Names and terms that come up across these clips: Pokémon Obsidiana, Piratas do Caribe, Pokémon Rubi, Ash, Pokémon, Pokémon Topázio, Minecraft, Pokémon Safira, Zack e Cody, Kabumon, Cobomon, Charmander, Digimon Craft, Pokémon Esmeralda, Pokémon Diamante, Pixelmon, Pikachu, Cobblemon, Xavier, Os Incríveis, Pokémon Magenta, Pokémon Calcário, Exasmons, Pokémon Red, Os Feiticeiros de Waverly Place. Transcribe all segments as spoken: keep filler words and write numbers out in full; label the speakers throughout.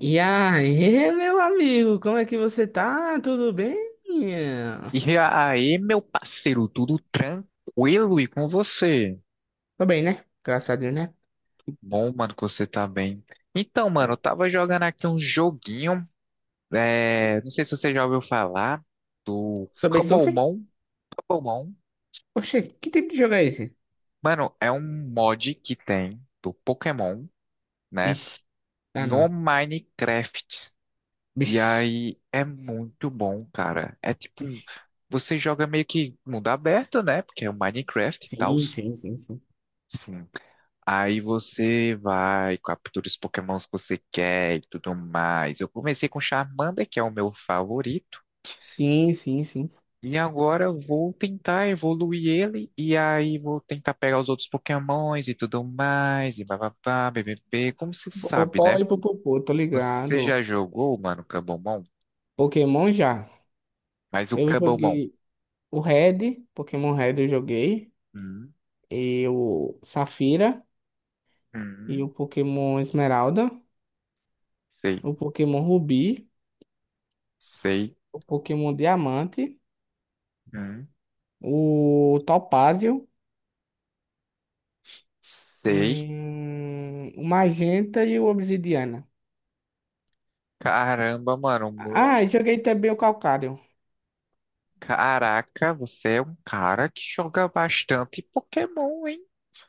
Speaker 1: E aí, meu amigo, como é que você tá? Tudo bem?
Speaker 2: E aí, meu parceiro, tudo tranquilo e com você?
Speaker 1: Tô bem, né? Graças a Deus, né?
Speaker 2: Que bom, mano, que você tá bem. Então, mano, eu
Speaker 1: Ai,
Speaker 2: tava jogando aqui um joguinho, é, não sei se você já ouviu falar do
Speaker 1: sobre surf?
Speaker 2: Cobblemon. Cobblemon,
Speaker 1: Oxê, que tipo de jogo é esse?
Speaker 2: mano, é um mod que tem do Pokémon, né,
Speaker 1: Bicho, ah
Speaker 2: no
Speaker 1: não.
Speaker 2: Minecraft. E
Speaker 1: Bicho.
Speaker 2: aí, é muito bom, cara. É tipo,
Speaker 1: Bicho.
Speaker 2: você joga meio que mundo aberto, né, porque é o Minecraft e tal.
Speaker 1: Sim, sim, sim, sim.
Speaker 2: Sim. Aí você vai, captura os Pokémons que você quer e tudo mais. Eu comecei com Charmander, que é o meu favorito,
Speaker 1: Sim, sim, sim.
Speaker 2: e agora eu vou tentar evoluir ele, e aí vou tentar pegar os outros Pokémons e tudo mais, e bababá, bbb. Como você sabe,
Speaker 1: Popopó
Speaker 2: né?
Speaker 1: e popopô, tô
Speaker 2: Você já
Speaker 1: ligado.
Speaker 2: jogou, mano, Kabumon?
Speaker 1: Pokémon já.
Speaker 2: Mas o
Speaker 1: Eu
Speaker 2: Kabumon.
Speaker 1: joguei o Red, Pokémon Red eu joguei.
Speaker 2: Hum,
Speaker 1: E o Safira. E
Speaker 2: hum,
Speaker 1: o Pokémon Esmeralda.
Speaker 2: sei,
Speaker 1: O Pokémon Rubi.
Speaker 2: sei,
Speaker 1: O Pokémon Diamante.
Speaker 2: hum,
Speaker 1: O Topázio,
Speaker 2: sei.
Speaker 1: hum, o Magenta e o Obsidiana.
Speaker 2: Caramba, mano.
Speaker 1: Ah, joguei também o Calcário.
Speaker 2: Caraca, você é um cara que joga bastante Pokémon, hein?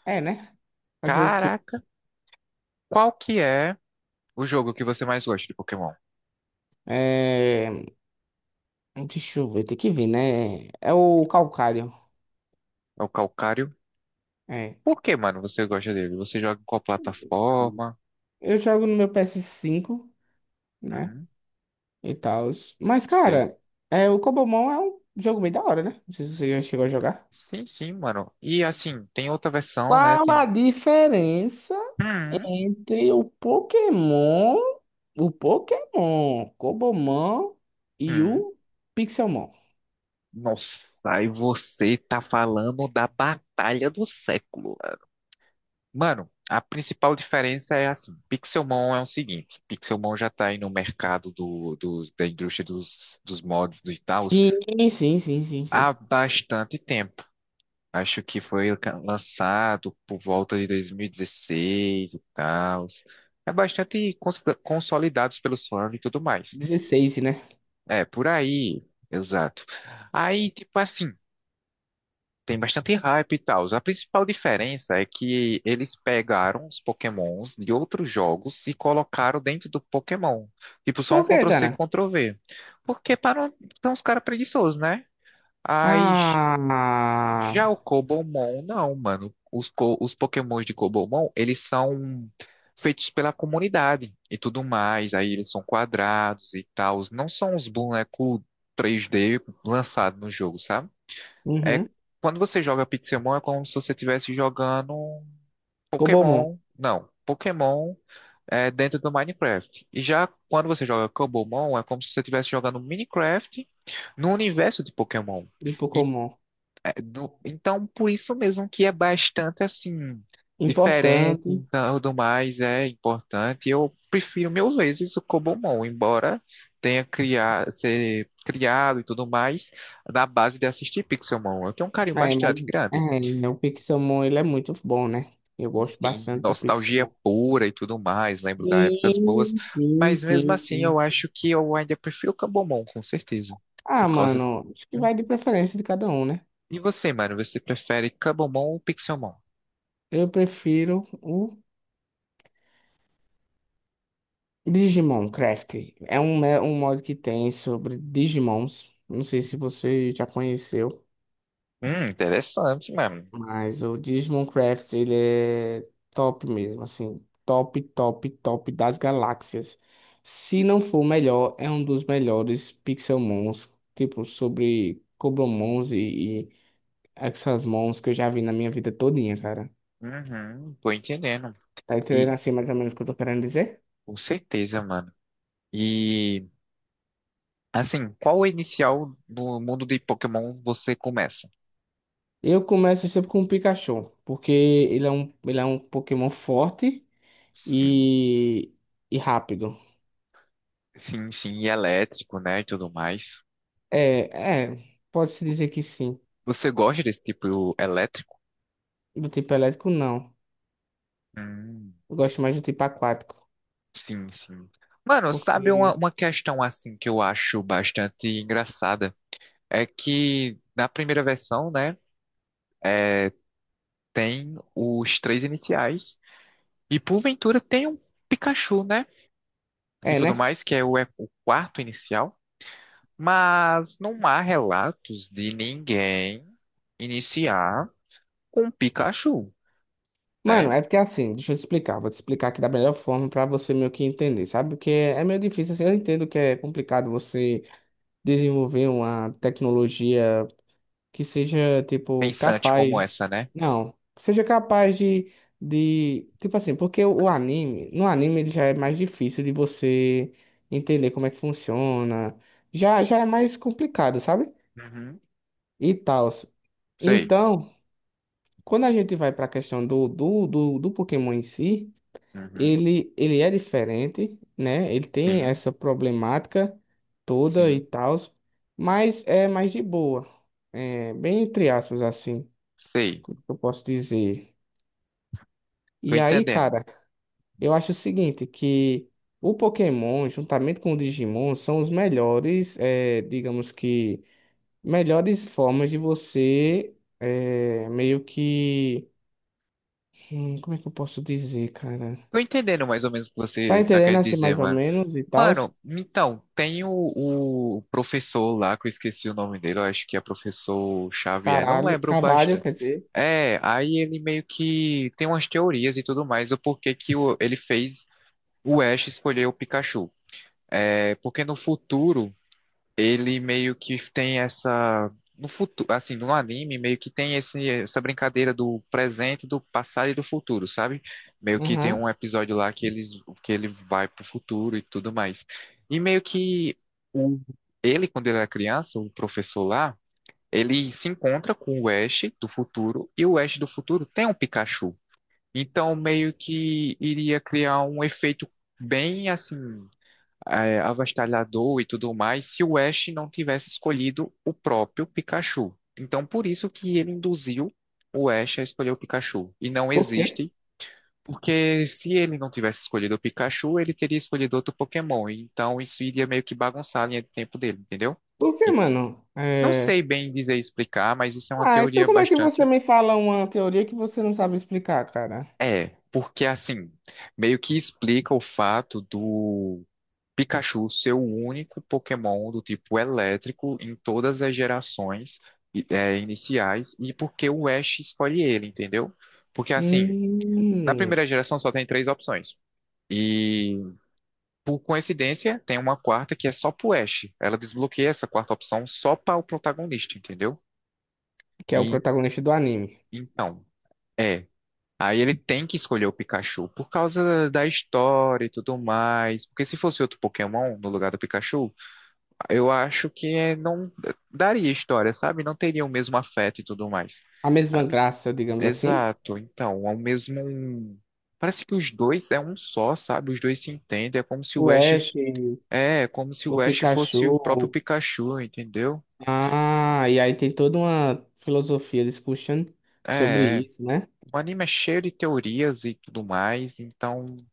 Speaker 1: É, né? Fazer o quê?
Speaker 2: Caraca, qual que é o jogo que você mais gosta de Pokémon?
Speaker 1: É, Deixa eu ver, tem que ver, né? É o Calcário.
Speaker 2: É o Calcário?
Speaker 1: É.
Speaker 2: Por que, mano, você gosta dele? Você joga em qual plataforma?
Speaker 1: Eu jogo no meu pê ésse cinco, né?
Speaker 2: Hum,
Speaker 1: E tal. Mas,
Speaker 2: sei.
Speaker 1: cara, é, o Cobomon é um jogo meio da hora, né? Não sei se você já chegou a jogar.
Speaker 2: Sim, sim, mano. E assim, tem outra versão, né?
Speaker 1: Qual
Speaker 2: Tem.
Speaker 1: a diferença
Speaker 2: Hum,
Speaker 1: entre o Pokémon, o Pokémon, Cobomon e
Speaker 2: hum.
Speaker 1: o Pixelmon.
Speaker 2: Nossa, e você tá falando da Batalha do Século. Mano, a principal diferença é assim, Pixelmon é o seguinte, Pixelmon já tá aí no mercado do, do- da indústria dos, dos mods do Itaús
Speaker 1: Sim, sim, sim, sim,
Speaker 2: há
Speaker 1: sim.
Speaker 2: bastante tempo. Acho que foi ca- lançado por volta de dois mil e dezesseis e dezesseis e tal. É bastante consolida- consolidados pelos fãs e tudo mais.
Speaker 1: Dezesseis, né?
Speaker 2: É, por aí, exato. Aí, tipo assim, tem bastante hype e tal. A principal diferença é que eles pegaram os Pokémons de outros jogos e colocaram dentro do Pokémon. Tipo, só um
Speaker 1: Por quê,
Speaker 2: Ctrl-C,
Speaker 1: cara?
Speaker 2: Ctrl-V. Porque para não... são os caras preguiçosos, né? Aí j-
Speaker 1: Ah,
Speaker 2: Já o Cobomon, não, mano. Os, co... os Pokémons de Cobomon, eles são feitos pela comunidade e tudo mais. Aí eles são quadrados e tal. Não são os bonecos três D lançados no jogo, sabe? É,
Speaker 1: uhum.
Speaker 2: quando você joga Pixelmon, é como se você estivesse jogando um
Speaker 1: Cobomon
Speaker 2: Pokémon. Não, Pokémon é dentro do Minecraft. E já quando você joga Cobblemon, é como se você estivesse jogando Minecraft no universo de Pokémon.
Speaker 1: e Pokémon.
Speaker 2: É, do- então, por isso mesmo que é bastante assim diferente,
Speaker 1: Importante.
Speaker 2: então tudo mais é importante. Eu prefiro mil vezes o Cobomon, embora tenha criado, ser criado e tudo mais na base de assistir Pixelmon. Eu tenho um carinho
Speaker 1: É, mas
Speaker 2: bastante grande.
Speaker 1: é, o Pixelmon ele é muito bom, né? Eu gosto
Speaker 2: Tem
Speaker 1: bastante do
Speaker 2: nostalgia
Speaker 1: Pixelmon.
Speaker 2: pura e tudo mais, lembro da épocas boas,
Speaker 1: Sim, sim,
Speaker 2: mas mesmo
Speaker 1: sim,
Speaker 2: assim
Speaker 1: sim.
Speaker 2: eu acho que eu ainda prefiro o Cobomon, com certeza. Por
Speaker 1: Ah,
Speaker 2: causa.
Speaker 1: mano, acho que
Speaker 2: Hum.
Speaker 1: vai de preferência de cada um, né?
Speaker 2: E você, mano, você prefere Cobomon ou Pixelmon?
Speaker 1: Eu prefiro o Digimon Craft, é um, é um mod que tem sobre Digimons. Não sei se você já conheceu,
Speaker 2: Hum, interessante, mano.
Speaker 1: mas o Digimon Craft ele é top mesmo, assim, top, top, top das galáxias. Se não for o melhor, é um dos melhores Pixelmons, tipo sobre Coblomons e, e Exasmons que eu já vi na minha vida todinha, cara.
Speaker 2: Uhum, tô entendendo.
Speaker 1: Tá entendendo
Speaker 2: E
Speaker 1: assim mais ou menos o que eu tô querendo dizer?
Speaker 2: com certeza, mano. E assim, qual é inicial do mundo de Pokémon você começa?
Speaker 1: Eu começo sempre com o Pikachu, porque ele é um, ele é um Pokémon forte
Speaker 2: Sim.
Speaker 1: e, e rápido.
Speaker 2: Sim, sim, e elétrico, né, e tudo mais.
Speaker 1: É, é, pode-se dizer que sim.
Speaker 2: Você gosta desse tipo elétrico?
Speaker 1: Do tipo elétrico, não.
Speaker 2: Hum,
Speaker 1: Eu gosto mais do tipo aquático.
Speaker 2: sim, sim. Mano, sabe uma,
Speaker 1: Porque.
Speaker 2: uma questão assim que eu acho bastante engraçada? É que na primeira versão, né, é, tem os três iniciais e porventura tem um Pikachu, né? E
Speaker 1: É,
Speaker 2: tudo
Speaker 1: né?
Speaker 2: mais, que é o, é o quarto inicial, mas não há relatos de ninguém iniciar com Pikachu,
Speaker 1: Mano,
Speaker 2: né?
Speaker 1: é porque assim, deixa eu te explicar. Vou te explicar aqui da melhor forma pra você meio que entender, sabe? Porque é meio difícil, assim. Eu entendo que é complicado você desenvolver uma tecnologia. Que seja, tipo,
Speaker 2: Pensante como
Speaker 1: capaz.
Speaker 2: essa, né?
Speaker 1: Não, que seja capaz de, de. Tipo assim, porque o anime. No anime ele já é mais difícil de você entender como é que funciona. Já, já é mais complicado, sabe?
Speaker 2: Uhum,
Speaker 1: E tal.
Speaker 2: sei.
Speaker 1: Então, quando a gente vai para a questão do, do, do, do Pokémon em si,
Speaker 2: Uhum,
Speaker 1: ele, ele é diferente, né? Ele tem
Speaker 2: sim,
Speaker 1: essa problemática toda e
Speaker 2: sim,
Speaker 1: tal, mas é mais de boa. É, bem entre aspas, assim.
Speaker 2: sei.
Speaker 1: Como que eu posso dizer?
Speaker 2: Tô
Speaker 1: E aí,
Speaker 2: entendendo.
Speaker 1: cara, eu acho o seguinte, que o Pokémon, juntamente com o Digimon, são os melhores, eh, digamos que, melhores formas de você, eh, meio que, hum, como é que eu posso dizer, cara?
Speaker 2: Tô entendendo mais ou menos o que
Speaker 1: Tá
Speaker 2: você tá
Speaker 1: entendendo
Speaker 2: querendo
Speaker 1: assim
Speaker 2: dizer,
Speaker 1: mais ou
Speaker 2: mano.
Speaker 1: menos e tal?
Speaker 2: Mano, então, tem o, o professor lá, que eu esqueci o nome dele, eu acho que é professor Xavier, não
Speaker 1: Caralho,
Speaker 2: lembro
Speaker 1: cavalo,
Speaker 2: bastante.
Speaker 1: quer dizer.
Speaker 2: É, aí ele meio que tem umas teorias e tudo mais, o porquê que o- ele fez o Ash escolher o Pikachu. É, porque no futuro ele meio que tem essa. No futuro, assim, no anime, meio que tem esse, essa brincadeira do presente, do passado e do futuro, sabe? Meio que tem
Speaker 1: Aham.
Speaker 2: um episódio lá que, eles, que ele vai pro futuro e tudo mais. E meio que o, ele, quando ele era criança, o professor lá ele se encontra com o Ash do futuro e o Ash do futuro tem um Pikachu. Então, meio que iria criar um efeito bem assim é, avastalhador e tudo mais se o Ash não tivesse escolhido o próprio Pikachu. Então, por isso que ele induziu o Ash a escolher o Pikachu. E não
Speaker 1: Por quê?
Speaker 2: existe, porque se ele não tivesse escolhido o Pikachu, ele teria escolhido outro Pokémon. Então, isso iria meio que bagunçar a linha de tempo dele, entendeu?
Speaker 1: Por quê, mano?
Speaker 2: Não
Speaker 1: É...
Speaker 2: sei bem dizer e explicar, mas isso é uma
Speaker 1: Ah, então
Speaker 2: teoria
Speaker 1: como é que você
Speaker 2: bastante.
Speaker 1: me fala uma teoria que você não sabe explicar, cara?
Speaker 2: É, porque assim, meio que explica o fato do Pikachu ser o único Pokémon do tipo elétrico em todas as gerações i- é, iniciais e porque o Ash escolhe ele, entendeu? Porque assim, na
Speaker 1: Hum.
Speaker 2: primeira geração só tem três opções. E por coincidência, tem uma quarta que é só pro Ash. Ela desbloqueia essa quarta opção só para o protagonista, entendeu?
Speaker 1: Que é o
Speaker 2: E
Speaker 1: protagonista do anime.
Speaker 2: então. É, aí ele tem que escolher o Pikachu por causa da história e tudo mais. Porque se fosse outro Pokémon no lugar do Pikachu, eu acho que eh, não daria história, sabe? Não teria o mesmo afeto e tudo mais.
Speaker 1: A mesma graça, digamos assim.
Speaker 2: Exato. Então, é o mesmo. Um, parece que os dois é um só, sabe? Os dois se entendem. É como se o
Speaker 1: O
Speaker 2: Ash
Speaker 1: Ash,
Speaker 2: é, é como se
Speaker 1: o
Speaker 2: o Ash fosse o próprio
Speaker 1: Pikachu.
Speaker 2: Pikachu, entendeu?
Speaker 1: Ah, e aí tem toda uma filosofia discussion sobre
Speaker 2: É, é.
Speaker 1: isso, né?
Speaker 2: O anime é cheio de teorias e tudo mais, então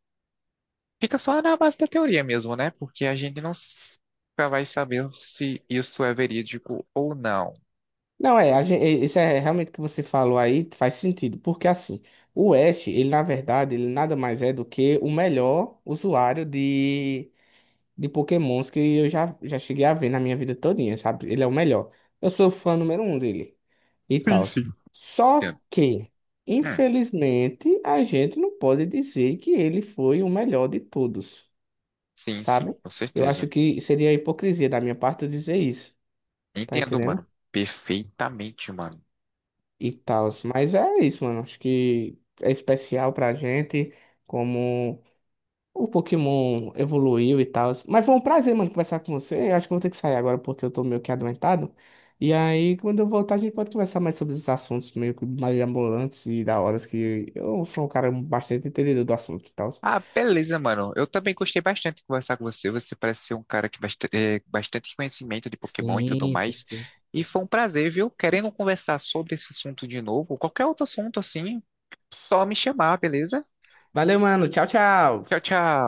Speaker 2: fica só na base da teoria mesmo, né? Porque a gente não s- nunca vai saber se isso é verídico ou não.
Speaker 1: Não, é, a gen- e- isso é realmente o que você falou aí, faz sentido, porque assim, o Ash, ele na verdade, ele nada mais é do que o melhor usuário de, de Pokémons que eu já, já cheguei a ver na minha vida todinha, sabe? Ele é o melhor. Eu sou fã número um dele. E
Speaker 2: Sim,
Speaker 1: tal.
Speaker 2: sim.
Speaker 1: Só
Speaker 2: Entendo.
Speaker 1: que,
Speaker 2: Hum,
Speaker 1: infelizmente, a gente não pode dizer que ele foi o melhor de todos,
Speaker 2: sim, sim,
Speaker 1: sabe?
Speaker 2: com
Speaker 1: Eu acho
Speaker 2: certeza.
Speaker 1: que seria hipocrisia da minha parte eu dizer isso, tá
Speaker 2: Entendo,
Speaker 1: entendendo?
Speaker 2: mano. Perfeitamente, mano.
Speaker 1: E tal. Mas é isso, mano. Acho que é especial pra gente, como. O Pokémon evoluiu e tal. Mas foi um prazer, mano, conversar com você. Eu acho que eu vou ter que sair agora porque eu tô meio que adoentado. E aí, quando eu voltar, a gente pode conversar mais sobre esses assuntos meio que mais ambulantes e da hora, que eu sou um cara bastante entendedor do assunto e tal.
Speaker 2: Ah, beleza, mano. Eu também gostei bastante de conversar com você. Você parece ser um cara que bast eh, bastante conhecimento de Pokémon e tudo
Speaker 1: Sim, sim,
Speaker 2: mais.
Speaker 1: sim.
Speaker 2: E foi um prazer, viu? Querendo conversar sobre esse assunto de novo, qualquer outro assunto assim, só me chamar, beleza?
Speaker 1: Valeu, mano. Tchau,
Speaker 2: Tchau,
Speaker 1: tchau.
Speaker 2: tchau.